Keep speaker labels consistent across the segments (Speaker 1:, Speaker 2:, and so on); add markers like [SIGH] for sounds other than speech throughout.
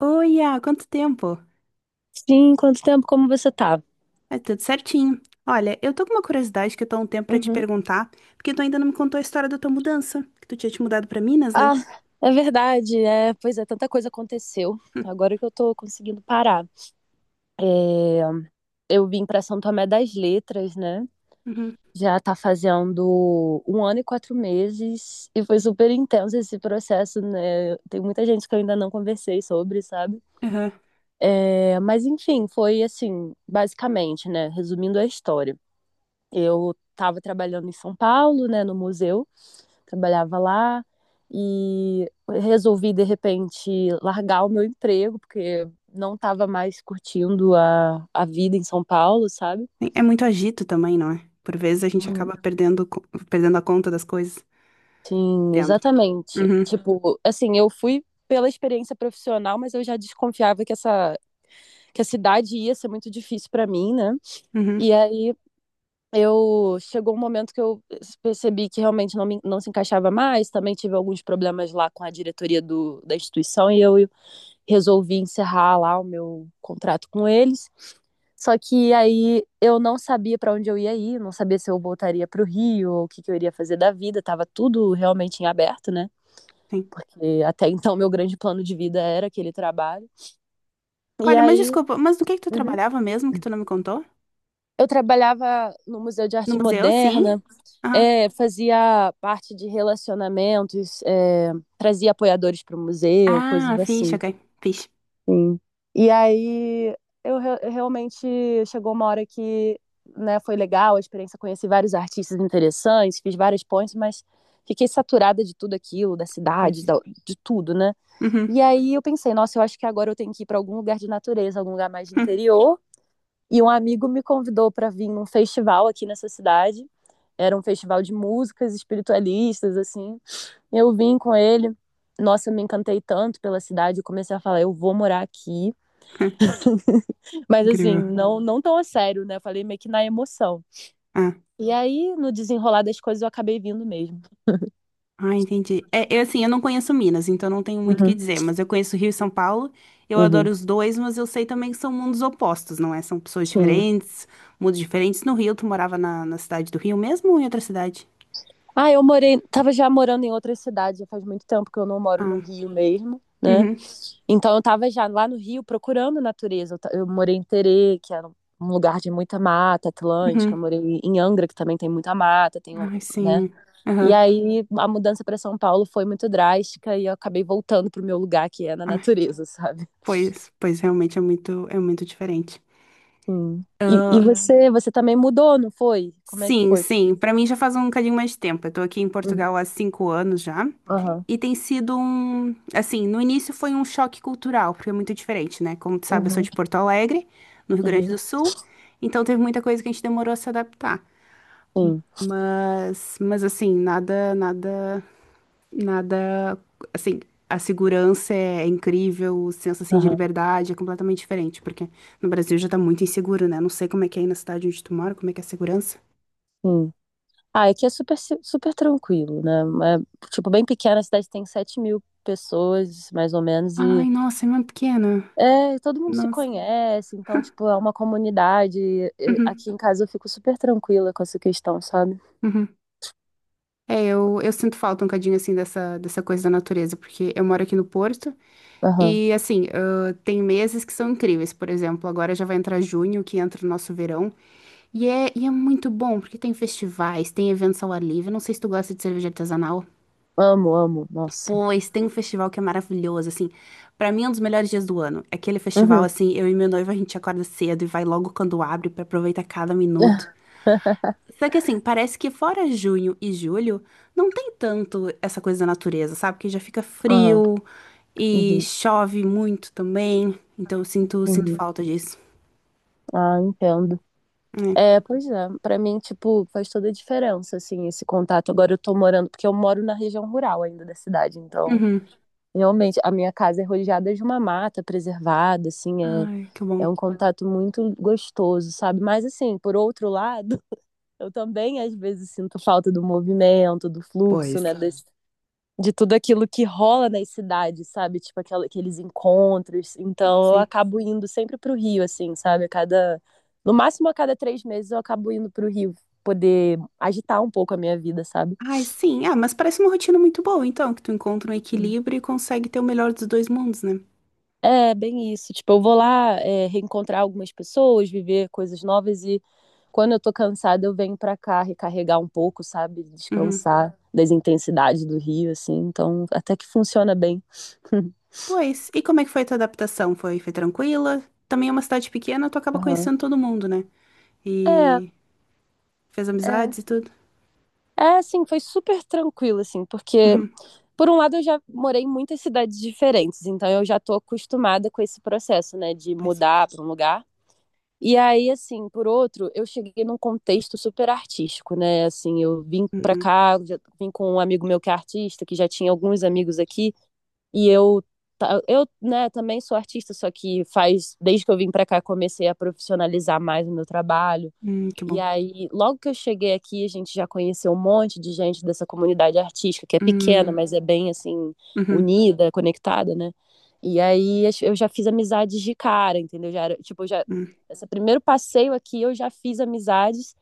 Speaker 1: Oi, há quanto tempo?
Speaker 2: Sim, quanto tempo, como você tá?
Speaker 1: É tudo certinho. Olha, eu tô com uma curiosidade que eu tô há um tempo pra te
Speaker 2: Uhum.
Speaker 1: perguntar, porque tu ainda não me contou a história da tua mudança, que tu tinha te mudado pra Minas, né?
Speaker 2: Ah, é verdade, pois é, tanta coisa aconteceu.
Speaker 1: [LAUGHS]
Speaker 2: Agora que eu tô conseguindo parar. É, Eu vim pra São Tomé das Letras, né?
Speaker 1: Uhum,
Speaker 2: Já tá fazendo um ano e 4 meses e foi super intenso esse processo, né? Tem muita gente que eu ainda não conversei sobre, sabe?
Speaker 1: aham.
Speaker 2: É, mas enfim, foi assim, basicamente, né? Resumindo a história. Eu tava trabalhando em São Paulo, né, no museu. Trabalhava lá e resolvi de repente largar o meu emprego porque não estava mais curtindo a vida em São Paulo, sabe?
Speaker 1: É muito agito também, não é? Por vezes a gente
Speaker 2: Uhum.
Speaker 1: acaba perdendo a conta das coisas.
Speaker 2: Sim,
Speaker 1: Entendo.
Speaker 2: exatamente.
Speaker 1: Uhum,
Speaker 2: Tipo, assim, eu fui pela experiência profissional, mas eu já desconfiava que a cidade ia ser muito difícil para mim, né?
Speaker 1: uhum,
Speaker 2: E aí eu chegou um momento que eu percebi que realmente não se encaixava mais. Também tive alguns problemas lá com a diretoria da instituição e eu resolvi encerrar lá o meu contrato com eles. Só que aí eu não sabia para onde eu ia ir, não sabia se eu voltaria para o Rio ou o que, que eu iria fazer da vida, tava tudo realmente em aberto, né?
Speaker 1: sim.
Speaker 2: Porque até então meu grande plano de vida era aquele trabalho. E
Speaker 1: Olha, mas
Speaker 2: aí
Speaker 1: desculpa, mas do que tu
Speaker 2: uhum.
Speaker 1: trabalhava mesmo que tu não me contou?
Speaker 2: Eu trabalhava no Museu de
Speaker 1: No
Speaker 2: Arte
Speaker 1: museu, sim?
Speaker 2: Moderna,
Speaker 1: Aham.
Speaker 2: é, fazia parte de relacionamentos, trazia apoiadores para o museu, coisas
Speaker 1: Ah, fixe,
Speaker 2: assim.
Speaker 1: ok. Fixe.
Speaker 2: Sim. E aí eu realmente chegou uma hora que, né, foi legal a experiência, conheci vários artistas interessantes, fiz várias pontes, mas fiquei saturada de tudo aquilo, da cidade,
Speaker 1: Pois.
Speaker 2: de tudo, né? E
Speaker 1: Uhum.
Speaker 2: aí eu pensei, nossa, eu acho que agora eu tenho que ir para algum lugar de natureza, algum lugar mais de
Speaker 1: [LAUGHS]
Speaker 2: interior. E um amigo me convidou para vir num festival aqui nessa cidade. Era um festival de músicas espiritualistas, assim. Eu vim com ele. Nossa, eu me encantei tanto pela cidade, eu comecei a falar, eu vou morar aqui. Mas assim,
Speaker 1: Incrível.
Speaker 2: não, não tão a sério, né? Eu falei meio que na emoção. E aí, no desenrolar das coisas, eu acabei vindo mesmo.
Speaker 1: Ah, entendi. É, eu, assim, eu não conheço Minas, então não tenho muito o que
Speaker 2: Uhum,
Speaker 1: dizer, mas eu conheço Rio e São Paulo, eu
Speaker 2: uhum.
Speaker 1: adoro os dois, mas eu sei também que são mundos opostos, não é? São pessoas
Speaker 2: Sim.
Speaker 1: diferentes, mundos diferentes. No Rio, tu morava na cidade do Rio mesmo ou em outra cidade?
Speaker 2: Ah, eu morei, tava já morando em outras cidades, já faz muito tempo que eu não moro no
Speaker 1: Ah,
Speaker 2: Rio mesmo, né?
Speaker 1: uhum,
Speaker 2: Então eu tava já lá no Rio procurando natureza. Eu morei em Terê, que era um lugar de muita mata atlântica,
Speaker 1: uhum.
Speaker 2: eu morei em Angra, que também tem muita mata, tem,
Speaker 1: Ai,
Speaker 2: né?
Speaker 1: sim.
Speaker 2: E
Speaker 1: Aham.
Speaker 2: aí a mudança para São Paulo foi muito drástica e eu acabei voltando pro meu lugar, que é na
Speaker 1: Ah,
Speaker 2: natureza, sabe?
Speaker 1: pois realmente é muito diferente.
Speaker 2: Sim. E Sim.
Speaker 1: Ah,
Speaker 2: você também mudou, não foi? Como é que
Speaker 1: sim,
Speaker 2: foi?
Speaker 1: sim. Pra mim já faz um bocadinho mais de tempo. Eu tô aqui em
Speaker 2: Uhum,
Speaker 1: Portugal há 5 anos já.
Speaker 2: aham,
Speaker 1: E tem sido um. Assim, no início foi um choque cultural, porque é muito diferente, né? Como tu sabe, eu sou
Speaker 2: uhum,
Speaker 1: de Porto Alegre, no Rio Grande do
Speaker 2: uhum,
Speaker 1: Sul. Então teve muita coisa que a gente demorou a se adaptar.
Speaker 2: sim,
Speaker 1: Mas assim, nada, nada, nada. Assim, a segurança é incrível, o senso assim, de
Speaker 2: aham,
Speaker 1: liberdade é completamente diferente, porque no Brasil já tá muito inseguro, né? Não sei como é que é aí na cidade onde tu mora, como é que é a segurança.
Speaker 2: sim. Ah, aqui é super, super tranquilo, né? É, tipo, bem pequena, a cidade tem 7 mil pessoas, mais ou menos, e
Speaker 1: Ai, nossa, é uma pequena.
Speaker 2: é, todo mundo se
Speaker 1: Nossa.
Speaker 2: conhece, então, tipo, é uma comunidade. E
Speaker 1: Uhum,
Speaker 2: aqui em casa eu fico super tranquila com essa questão, sabe?
Speaker 1: uhum. É, eu sinto falta um bocadinho, assim, dessa coisa da natureza, porque eu moro aqui no Porto
Speaker 2: Aham,
Speaker 1: e, assim, ah, tem meses que são incríveis. Por exemplo, agora já vai entrar junho, que entra o nosso verão. E é muito bom, porque tem festivais, tem eventos ao ar livre. Não sei se tu gosta de cerveja artesanal.
Speaker 2: amo, amo, nossa.
Speaker 1: Pois, tem um festival que é maravilhoso, assim. Pra mim, é um dos melhores dias do ano. É aquele festival,
Speaker 2: Uhum.
Speaker 1: assim, eu e meu noivo, a gente acorda cedo e vai logo quando abre pra aproveitar cada minuto.
Speaker 2: [LAUGHS]
Speaker 1: Só que assim, parece que fora junho e julho, não tem tanto essa coisa da natureza, sabe? Que já fica
Speaker 2: Aham,
Speaker 1: frio e
Speaker 2: uhum,
Speaker 1: chove muito também. Então eu sinto
Speaker 2: uhum.
Speaker 1: falta disso.
Speaker 2: Ah, entendo.
Speaker 1: É.
Speaker 2: É, pois é, pra mim, tipo, faz toda a diferença, assim, esse contato. Agora eu tô morando, porque eu moro na região rural ainda da cidade, então,
Speaker 1: Uhum.
Speaker 2: realmente, a minha casa é rodeada de uma mata preservada, assim, é,
Speaker 1: Ai, que bom.
Speaker 2: é um contato muito gostoso, sabe? Mas, assim, por outro lado, [LAUGHS] eu também às vezes sinto falta do movimento, do fluxo,
Speaker 1: Pois.
Speaker 2: né, das de tudo aquilo que rola nas cidades, sabe? Tipo aqueles encontros. Então eu
Speaker 1: Sim.
Speaker 2: acabo indo sempre pro Rio, assim, sabe? A cada, no máximo a cada 3 meses eu acabo indo pro Rio poder agitar um pouco a minha vida, sabe?
Speaker 1: Ai, sim. Ah, mas parece uma rotina muito boa, então, que tu encontra um equilíbrio e consegue ter o melhor dos dois mundos, né?
Speaker 2: É, bem isso. Tipo, eu vou lá, é, reencontrar algumas pessoas, viver coisas novas e quando eu tô cansada eu venho pra cá recarregar um pouco, sabe?
Speaker 1: Uhum.
Speaker 2: Descansar das intensidades do Rio, assim. Então até que funciona bem. [LAUGHS]
Speaker 1: Pois. E como é que foi a tua adaptação? Foi tranquila? Também é uma cidade pequena, tu acaba
Speaker 2: Aham.
Speaker 1: conhecendo todo mundo, né?
Speaker 2: É,
Speaker 1: E fez
Speaker 2: é.
Speaker 1: amizades e tudo.
Speaker 2: É, assim, foi super tranquilo, assim, porque,
Speaker 1: Uhum.
Speaker 2: por um lado, eu já morei em muitas cidades diferentes, então eu já tô acostumada com esse processo, né, de
Speaker 1: Pois.
Speaker 2: mudar para um lugar. E aí, assim, por outro, eu cheguei num contexto super artístico, né? Assim, eu vim
Speaker 1: Hum,
Speaker 2: pra
Speaker 1: hum,
Speaker 2: cá, já vim com um amigo meu que é artista, que já tinha alguns amigos aqui, e eu, né, também sou artista, só que faz, desde que eu vim pra cá, comecei a profissionalizar mais o meu trabalho.
Speaker 1: que
Speaker 2: E
Speaker 1: bom.
Speaker 2: aí, logo que eu cheguei aqui, a gente já conheceu um monte de gente dessa comunidade artística, que é pequena,
Speaker 1: Hum,
Speaker 2: mas é bem assim,
Speaker 1: uhum,
Speaker 2: unida, conectada, né? E aí eu já fiz amizades de cara, entendeu? Já era, tipo, já
Speaker 1: hum,
Speaker 2: esse primeiro passeio aqui eu já fiz amizades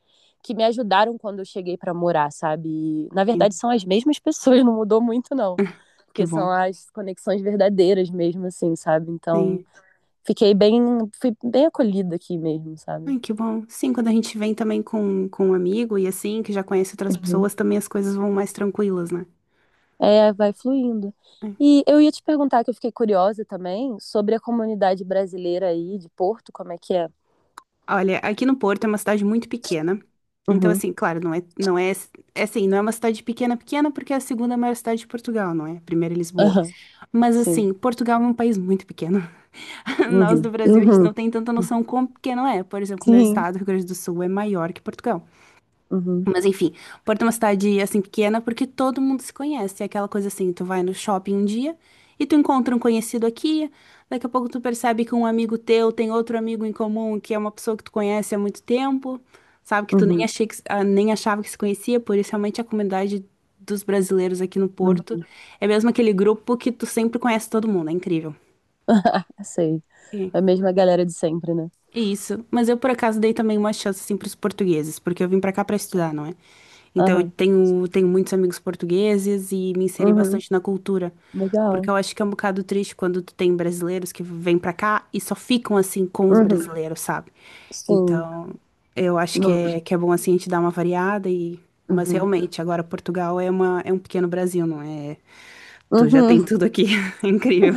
Speaker 2: que me ajudaram quando eu cheguei para morar, sabe? E, na verdade
Speaker 1: sim.
Speaker 2: são as mesmas pessoas, [LAUGHS] não mudou muito não,
Speaker 1: Ah, que
Speaker 2: porque são
Speaker 1: bom.
Speaker 2: as conexões verdadeiras mesmo assim, sabe? Então,
Speaker 1: Sim.
Speaker 2: fiquei bem fui bem acolhida aqui mesmo, sabe?
Speaker 1: Ai, que bom. Sim, quando a gente vem também com um amigo e assim, que já conhece outras
Speaker 2: Uhum.
Speaker 1: pessoas, também as coisas vão mais tranquilas, né?
Speaker 2: É, vai fluindo. E eu ia te perguntar, que eu fiquei curiosa também, sobre a comunidade brasileira aí de Porto, como é que é?
Speaker 1: Olha, aqui no Porto é uma cidade muito pequena. Então,
Speaker 2: Uhum,
Speaker 1: assim, claro, não é, é assim, não é uma cidade pequena, pequena, porque é a segunda maior cidade de Portugal, não é? Primeiro é Lisboa.
Speaker 2: aham,
Speaker 1: Mas,
Speaker 2: sim.
Speaker 1: assim, Portugal é um país muito pequeno. [LAUGHS] Nós
Speaker 2: Uhum,
Speaker 1: do Brasil, a gente não
Speaker 2: uhum,
Speaker 1: tem tanta noção quão pequeno é. Por exemplo, meu
Speaker 2: sim.
Speaker 1: estado, Rio Grande do Sul, é maior que Portugal.
Speaker 2: Uhum,
Speaker 1: Mas enfim, Porto é uma cidade assim pequena porque todo mundo se conhece. É aquela coisa assim, tu vai no shopping um dia e tu encontra um conhecido aqui, daqui a pouco tu percebe que um amigo teu tem outro amigo em comum que é uma pessoa que tu conhece há muito tempo, sabe que tu nem
Speaker 2: uhum,
Speaker 1: achei que, ah, nem achava que se conhecia, por isso realmente a comunidade dos brasileiros aqui no Porto
Speaker 2: uhum.
Speaker 1: é mesmo aquele grupo que tu sempre conhece todo mundo, é incrível.
Speaker 2: [LAUGHS] Sei. A mesma galera de sempre, né?
Speaker 1: Isso, mas eu por acaso dei também uma chance assim para os portugueses, porque eu vim para cá para estudar, não é? Então eu
Speaker 2: Aham,
Speaker 1: tenho muitos amigos portugueses e me inseri
Speaker 2: uhum,
Speaker 1: bastante na cultura, porque
Speaker 2: legal.
Speaker 1: eu acho que é um bocado triste quando tu tem brasileiros que vêm para cá e só ficam assim com os
Speaker 2: Uhum,
Speaker 1: brasileiros, sabe?
Speaker 2: sim.
Speaker 1: Então eu acho que
Speaker 2: Uhum,
Speaker 1: é bom assim a gente dar uma variada e mas
Speaker 2: uhum.
Speaker 1: realmente agora Portugal é uma é um pequeno Brasil, não é? Tu já
Speaker 2: Uhum.
Speaker 1: tem tudo aqui, [LAUGHS] é incrível.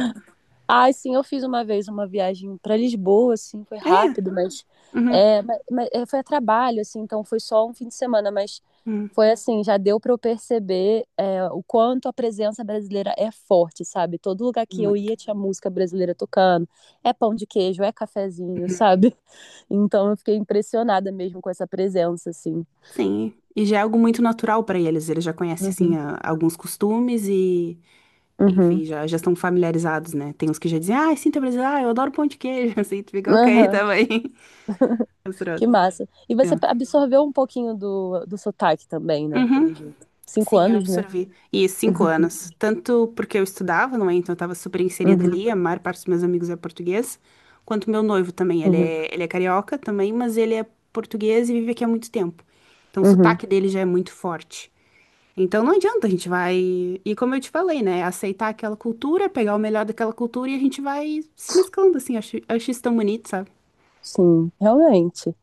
Speaker 2: Ai, sim, eu fiz uma vez uma viagem para Lisboa, assim, foi rápido, mas, foi a trabalho, assim, então foi só um fim de semana, mas
Speaker 1: Hum,
Speaker 2: foi assim, já deu para eu perceber o quanto a presença brasileira é forte, sabe? Todo lugar que eu
Speaker 1: muito.
Speaker 2: ia tinha música brasileira tocando, é pão de queijo, é cafezinho, sabe? [LAUGHS] Então eu fiquei impressionada mesmo com essa presença, assim.
Speaker 1: Sim, e já é algo muito natural para eles. Eles já conhecem, assim,
Speaker 2: Uhum,
Speaker 1: alguns costumes e,
Speaker 2: uhum,
Speaker 1: enfim, já estão familiarizados, né? Tem uns que já dizem, ah, sinto brasileiro, ah, eu adoro pão de queijo. [LAUGHS] Assim, tu fica, ok,
Speaker 2: aham,
Speaker 1: tá bem. [LAUGHS] Misturado.
Speaker 2: que massa. E você
Speaker 1: É.
Speaker 2: absorveu um pouquinho do sotaque também, né?
Speaker 1: Uhum.
Speaker 2: Pelo jeito. Cinco
Speaker 1: Sim, eu
Speaker 2: anos, né?
Speaker 1: absorvi. E 5 anos. Tanto porque eu estudava, não é? Então eu estava super inserida
Speaker 2: Uhum,
Speaker 1: ali, a maior parte dos meus amigos é português, quanto meu noivo também. Ele
Speaker 2: uhum,
Speaker 1: é, ele é carioca também, mas ele é português e vive aqui há muito tempo. Então o
Speaker 2: uhum.
Speaker 1: sotaque dele já é muito forte. Então não adianta, a gente vai. E como eu te falei, né? Aceitar aquela cultura, pegar o melhor daquela cultura e a gente vai se mesclando, assim. Eu acho isso tão bonito, sabe?
Speaker 2: Sim, realmente.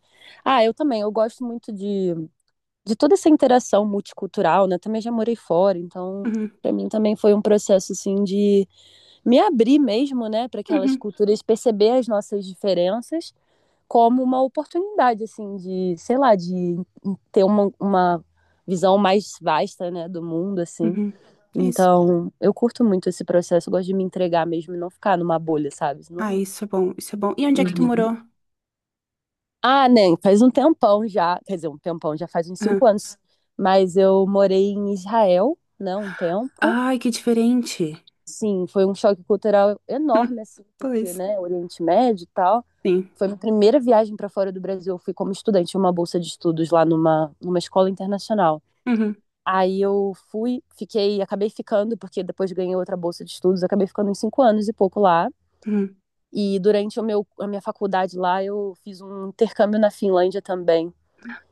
Speaker 2: Ah, eu também, eu gosto muito de toda essa interação multicultural, né? Também já morei fora, então
Speaker 1: Uhum,
Speaker 2: para mim também foi um processo assim de me abrir mesmo, né, para aquelas
Speaker 1: uhum,
Speaker 2: culturas, perceber as nossas diferenças como uma oportunidade assim de, sei lá, de ter uma, visão mais vasta, né, do mundo assim.
Speaker 1: uhum. Isso.
Speaker 2: Então, eu curto muito esse processo, eu gosto de me entregar mesmo e não ficar numa bolha, sabe?
Speaker 1: Ah,
Speaker 2: Não,
Speaker 1: isso é bom, isso é bom. E onde é que tu morou?
Speaker 2: ah, nem, faz um tempão já, quer dizer, um tempão, já faz uns cinco
Speaker 1: Aham.
Speaker 2: anos. Mas eu morei em Israel, né, um tempo.
Speaker 1: Ai, que diferente. [LAUGHS]
Speaker 2: Sim, foi um choque cultural enorme,
Speaker 1: Hum,
Speaker 2: assim, porque,
Speaker 1: pois.
Speaker 2: né, Oriente Médio e tal.
Speaker 1: Sim.
Speaker 2: Foi minha primeira viagem para fora do Brasil. Eu fui como estudante, tinha uma bolsa de estudos lá numa escola internacional.
Speaker 1: Uhum,
Speaker 2: Aí eu fui, fiquei, acabei ficando, porque depois ganhei outra bolsa de estudos, acabei ficando uns 5 anos e pouco lá.
Speaker 1: uhum.
Speaker 2: E durante o meu, a minha faculdade lá, eu fiz um intercâmbio na Finlândia também.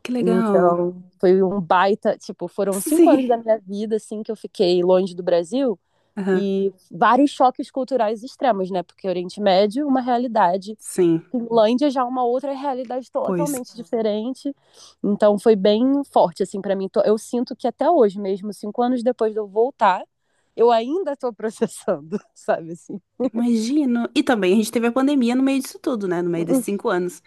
Speaker 1: Que legal.
Speaker 2: Então, foi um baita, tipo, foram cinco anos
Speaker 1: Sim.
Speaker 2: da minha vida, assim, que eu fiquei longe do Brasil
Speaker 1: Aham.
Speaker 2: e vários choques culturais extremos, né? Porque Oriente Médio, uma realidade,
Speaker 1: Sim.
Speaker 2: Finlândia já é uma outra realidade
Speaker 1: Pois.
Speaker 2: totalmente diferente. Então, foi bem forte, assim, para mim. Eu sinto que até hoje mesmo, 5 anos depois de eu voltar, eu ainda tô processando, [LAUGHS] sabe assim?
Speaker 1: Imagino. E também a gente teve a pandemia no meio disso tudo, né? No meio desses 5 anos.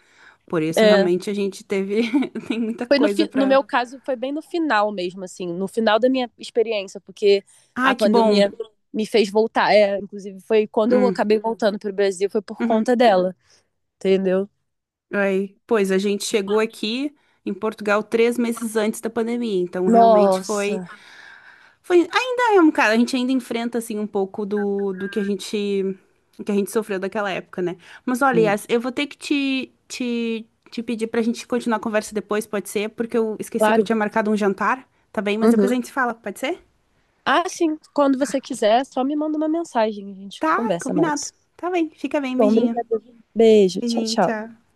Speaker 1: Por isso,
Speaker 2: É,
Speaker 1: realmente, a gente teve. [LAUGHS] Tem muita
Speaker 2: Foi
Speaker 1: coisa
Speaker 2: no
Speaker 1: pra.
Speaker 2: meu caso, foi bem no final mesmo, assim, no final da minha experiência, porque
Speaker 1: Ai,
Speaker 2: a
Speaker 1: que bom.
Speaker 2: pandemia me fez voltar. É, inclusive, foi quando eu
Speaker 1: Hum,
Speaker 2: acabei voltando para o Brasil, foi por conta
Speaker 1: uhum.
Speaker 2: dela, entendeu?
Speaker 1: Aí, pois a gente chegou aqui em Portugal 3 meses antes da pandemia, então realmente foi,
Speaker 2: Nossa,
Speaker 1: foi ainda é um cara, a gente ainda enfrenta assim um pouco do que a gente sofreu daquela época, né? Mas olha, Yas, eu vou ter que te pedir pra gente continuar a conversa depois, pode ser? Porque eu esqueci que eu
Speaker 2: claro.
Speaker 1: tinha marcado um jantar, tá bem? Mas depois a
Speaker 2: Uhum.
Speaker 1: gente se fala, pode ser?
Speaker 2: Ah, sim, quando
Speaker 1: Tá,
Speaker 2: você quiser, só me manda uma mensagem, a gente
Speaker 1: tá,
Speaker 2: conversa
Speaker 1: combinado.
Speaker 2: mais.
Speaker 1: Tá bem, fica bem,
Speaker 2: Bom,
Speaker 1: beijinho.
Speaker 2: obrigada. Beijo, tchau,
Speaker 1: Beijinho,
Speaker 2: tchau.
Speaker 1: tchau.